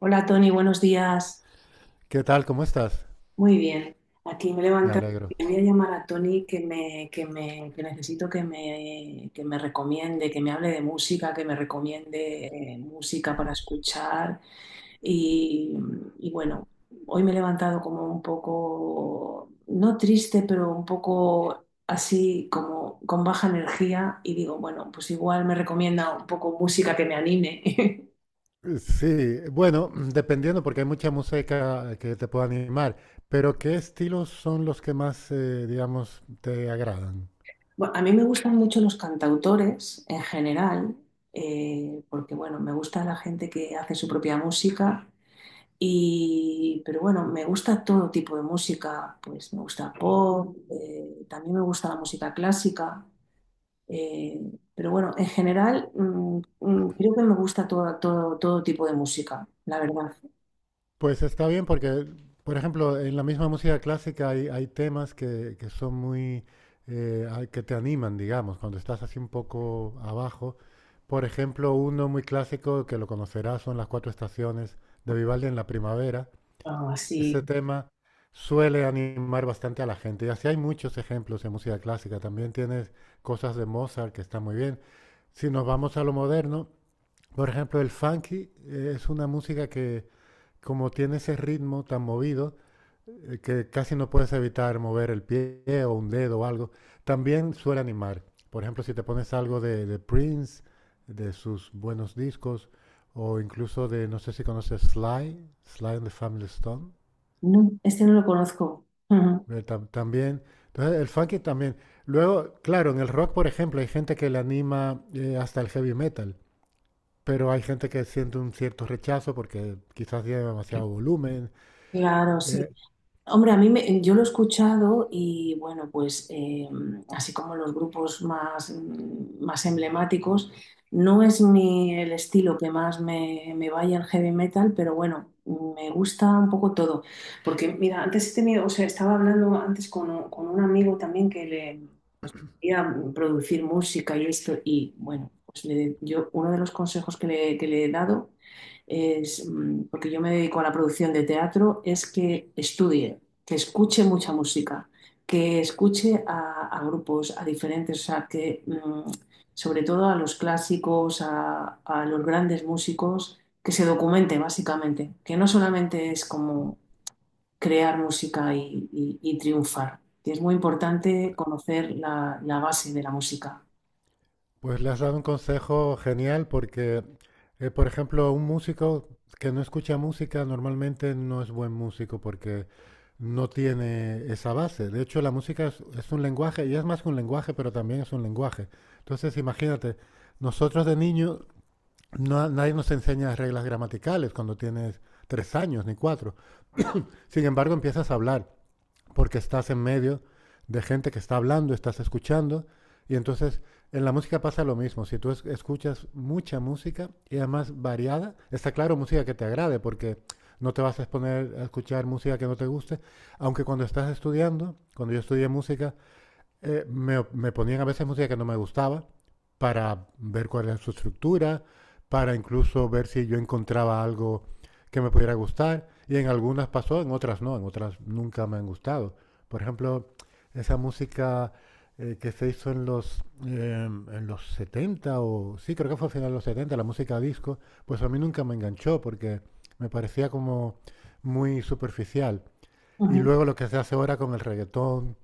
Hola Tony, buenos días. ¿Qué tal? ¿Cómo estás? Muy bien. Aquí me he Me levantado alegro. y voy a llamar a Tony que necesito que me recomiende, que me hable de música, que me recomiende música para escuchar. Y, y bueno, hoy me he levantado como un poco, no triste, pero un poco así como con baja energía y digo, bueno, pues igual me recomienda un poco música que me anime. Sí, bueno, dependiendo porque hay mucha música que te puede animar, pero ¿qué estilos son los que más, digamos, te agradan? Bueno, a mí me gustan mucho los cantautores en general, porque bueno, me gusta la gente que hace su propia música y, pero bueno, me gusta todo tipo de música, pues me gusta pop, también me gusta la música clásica, eh, pero bueno, en general creo que me gusta todo tipo de música, la verdad. Pues está bien porque, por ejemplo, en la misma música clásica hay temas que son muy, que te animan, digamos, cuando estás así un poco abajo. Por ejemplo, uno muy clásico que lo conocerás son las cuatro estaciones de Vivaldi en la primavera. Ah, sí. Ese tema suele animar bastante a la gente. Y así hay muchos ejemplos en música clásica. También tienes cosas de Mozart que están muy bien. Si nos vamos a lo moderno, por ejemplo, el funky es una música que, como tiene ese ritmo tan movido, que casi no puedes evitar mover el pie o un dedo o algo, también suele animar. Por ejemplo, si te pones algo de Prince, de sus buenos discos, o incluso de, no sé si conoces Sly and the Family Stone. No, este no lo conozco. Ujú. También, entonces el funky también. Luego, claro, en el rock, por ejemplo, hay gente que le anima hasta el heavy metal, pero hay gente que siente un cierto rechazo porque quizás tiene demasiado volumen. Claro, sí. Eh, Hombre, yo lo he escuchado y bueno, pues así como los grupos más, más emblemáticos, no es mi, el estilo que más me vaya el heavy metal, pero bueno, me gusta un poco todo. Porque mira, antes he tenido, o sea, estaba hablando antes con un amigo también quería producir música y esto, y bueno, yo uno de los consejos que le he dado es, porque yo me dedico a la producción de teatro, es que estudie, que escuche mucha música, que escuche a grupos, a diferentes, o sea, sobre todo a los clásicos, a los grandes músicos, que se documente básicamente, que no solamente es como crear música y triunfar. Y es muy importante conocer la base de la música. pues le has dado un consejo genial porque, por ejemplo, un músico que no escucha música normalmente no es buen músico porque no tiene esa base. De hecho, la música es un lenguaje y es más que un lenguaje, pero también es un lenguaje. Entonces, imagínate, nosotros de niños no, nadie nos enseña reglas gramaticales cuando tienes tres años ni cuatro. Sin embargo, empiezas a hablar porque estás en medio de gente que está hablando, estás escuchando. Y entonces en la música pasa lo mismo. Si tú escuchas mucha música y además variada, está claro música que te agrade porque no te vas a exponer a escuchar música que no te guste. Aunque cuando estás estudiando, cuando yo estudié música, me ponían a veces música que no me gustaba para ver cuál era su estructura, para incluso ver si yo encontraba algo que me pudiera gustar. Y en algunas pasó, en otras no, en otras nunca me han gustado. Por ejemplo, esa música que se hizo en los, en los 70 o sí, creo que fue a finales de los 70 la música disco, pues a mí nunca me enganchó porque me parecía como muy superficial. Y Ujú. luego lo que se hace ahora con el reggaetón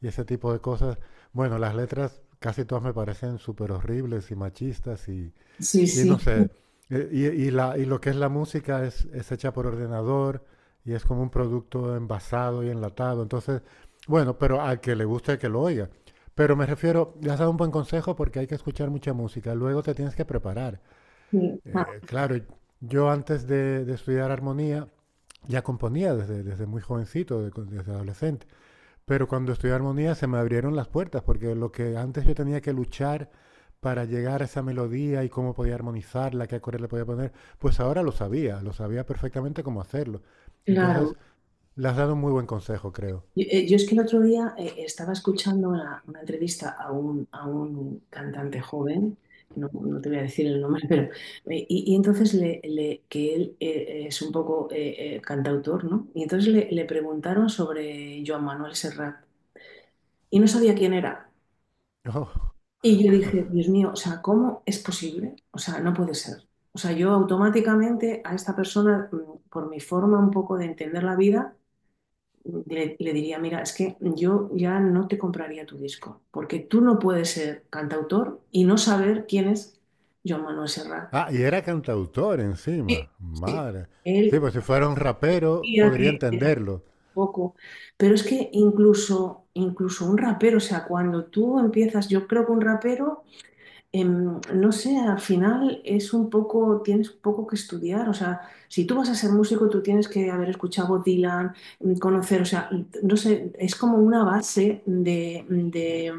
y ese tipo de cosas, bueno, las letras casi todas me parecen súper horribles y machistas Sí, y no sí, sé, y lo que es la música es hecha por ordenador y es como un producto envasado y enlatado, entonces, bueno, pero al que le guste que lo oiga. Pero me refiero, le has dado un buen consejo porque hay que escuchar mucha música, luego te tienes que preparar. sí, ah, Claro, yo antes de estudiar armonía ya componía desde muy jovencito, desde adolescente. Pero cuando estudié armonía se me abrieron las puertas, porque lo que antes yo tenía que luchar para llegar a esa melodía y cómo podía armonizarla, qué acorde le podía poner, pues ahora lo sabía perfectamente cómo hacerlo. claro. Entonces, le has dado un muy buen consejo, creo. Yo es que el otro día estaba escuchando una entrevista a a un cantante joven, no, no te voy a decir el nombre, pero y entonces que él es un poco cantautor, ¿no? Y entonces le preguntaron sobre Joan Manuel Serrat y no sabía quién era. Oh. Y yo dije, Dios mío, o sea, ¿cómo es posible? O sea, no puede ser. O sea, yo automáticamente a esta persona, por mi forma un poco de entender la vida, le diría, mira, es que yo ya no te compraría tu disco, porque tú no puedes ser cantautor y no saber quién es Joan Manuel Serrat. Ah, y era cantautor Sí, encima. sí. Madre. Sí, Él pues si fuera un rapero, decía podría que era entenderlo. poco, pero es que incluso un rapero, o sea, cuando tú empiezas, yo creo que un rapero no sé, al final es un poco, tienes un poco que estudiar, o sea, si tú vas a ser músico, tú tienes que haber escuchado Bob Dylan, conocer, o sea, no sé, es como una base de, de,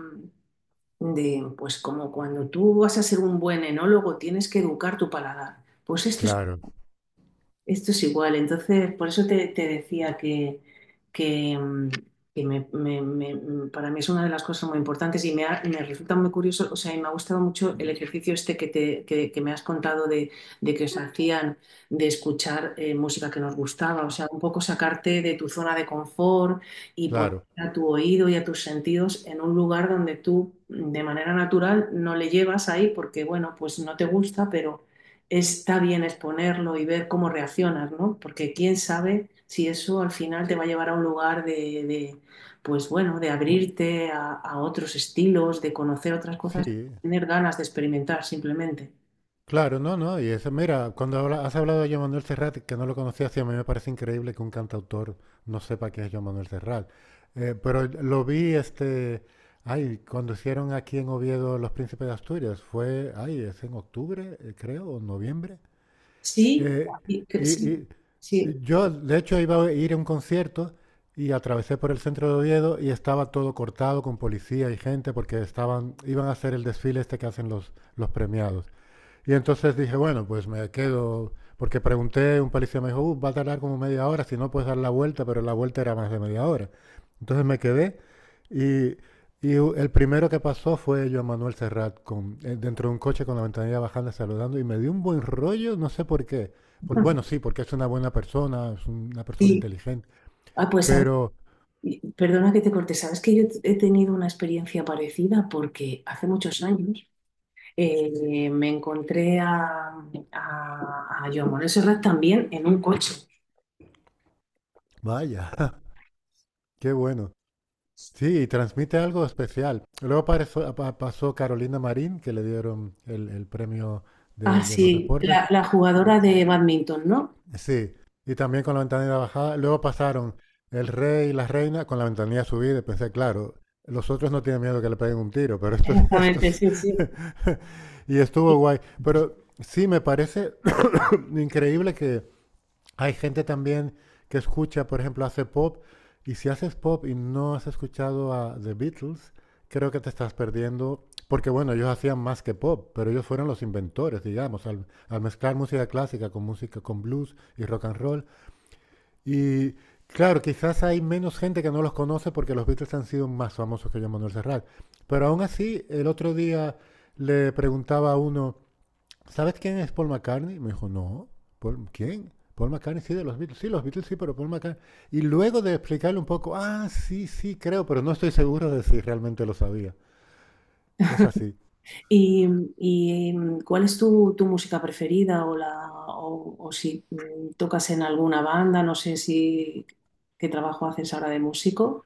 de, pues como cuando tú vas a ser un buen enólogo, tienes que educar tu paladar. Pues Claro, esto es igual, entonces por eso te decía que, mm, que para mí es una de las cosas muy importantes y me resulta muy curioso, o sea, y me ha gustado mucho el ejercicio este que me has contado de que os hacían de escuchar música que nos gustaba, o sea, un poco sacarte de tu zona de confort y poner claro. a tu oído y a tus sentidos en un lugar donde tú de manera natural no le llevas ahí porque, bueno, pues no te gusta, pero está bien exponerlo y ver cómo reaccionas, ¿no? Porque quién sabe si eso al final te va a llevar a un lugar de, pues bueno, de abrirte a otros estilos, de conocer otras cosas, Sí, tener ganas de experimentar simplemente. Claro, no, no. Y eso, mira, cuando has hablado de Joan Manuel Serrat, que no lo conocía, sí, a mí me parece increíble que un cantautor no sepa quién es Joan Manuel Serrat. Pero lo vi, este, ay, cuando hicieron aquí en Oviedo Los Príncipes de Asturias, fue, ay, es en octubre, creo, o noviembre. Sí, Eh, y, sí, y- sí, y yo, de hecho, iba a ir a un concierto y atravesé por el centro de Oviedo y estaba todo cortado con policía y gente porque iban a hacer el desfile este que hacen los premiados. Y entonces dije, bueno, pues me quedo, porque pregunté, un policía me dijo, Va a tardar como media hora, si no puedes dar la vuelta", pero la vuelta era más de media hora. Entonces me quedé y, el primero que pasó fue Joan Manuel Serrat con, dentro de un coche con la ventanilla bajando saludando y me dio un buen rollo, no sé por qué. Bueno, sí, porque es una buena persona, es una persona sí. inteligente, Ah, pues ¿sabes? pero Perdona que te corte, sabes que yo he tenido una experiencia parecida porque hace muchos años me encontré a Joan Manuel Serrat también en un coche. vaya, qué bueno. Sí, y transmite algo especial. Luego pasó Carolina Marín, que le dieron el premio Ah, de los sí, deportes. La jugadora de badminton, ¿no? Sí, y también con la ventanilla bajada. Luego pasaron el rey y la reina con la ventanilla subida. Y pensé, claro, los otros no tienen miedo que le peguen un tiro, pero estos, Exactamente, estos. sí, sí. Y estuvo guay. Pero sí, me parece increíble que hay gente también que escucha, por ejemplo, hace pop, y si haces pop y no has escuchado a The Beatles, creo que te estás perdiendo, porque bueno, ellos hacían más que pop, pero ellos fueron los inventores, digamos, al mezclar música clásica con música con blues y rock and roll. Y claro, quizás hay menos gente que no los conoce porque los Beatles han sido más famosos que Joan Manuel Serrat. Pero aún así, el otro día le preguntaba a uno, ¿sabes quién es Paul McCartney? Me dijo, no. ¿Quién? Paul McCartney, sí, de los Beatles. Sí, los Beatles, sí, pero Paul McCartney. Y luego de explicarle un poco, ah, sí, sí, creo, pero no estoy seguro de si realmente lo sabía. Es así. ¿Y, cuál es tu música preferida o si tocas en alguna banda? No sé si qué trabajo haces ahora de músico.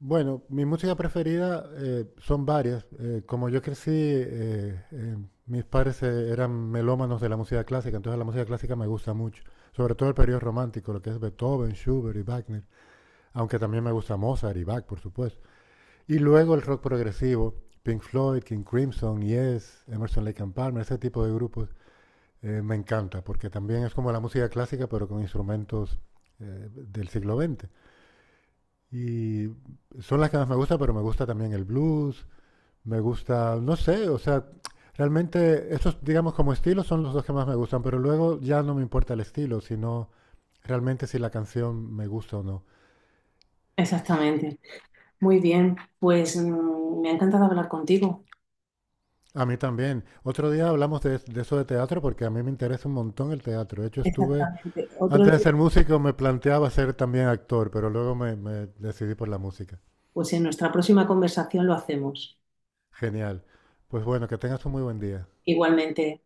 Bueno, mi música preferida son varias. Como yo crecí, mis padres eran melómanos de la música clásica, entonces la música clásica me gusta mucho. Sobre todo el periodo romántico, lo que es Beethoven, Schubert y Wagner. Aunque también me gusta Mozart y Bach, por supuesto. Y luego el rock progresivo, Pink Floyd, King Crimson, Yes, Emerson Lake and Palmer, ese tipo de grupos, me encanta, porque también es como la música clásica, pero con instrumentos del siglo XX. Y son las que más me gusta, pero me gusta también el blues, me gusta, no sé, o sea, realmente estos, digamos, como estilos son los dos que más me gustan, pero luego ya no me importa el estilo, sino realmente si la canción me gusta o no. Exactamente. Muy bien, pues me ha encantado hablar contigo. A mí también. Otro día hablamos de eso de teatro porque a mí me interesa un montón el teatro. De hecho, estuve, Exactamente. Otro antes de día, ser músico me planteaba ser también actor, pero luego me decidí por la música. pues en nuestra próxima conversación lo hacemos. Genial. Pues bueno, que tengas un muy buen día. Igualmente.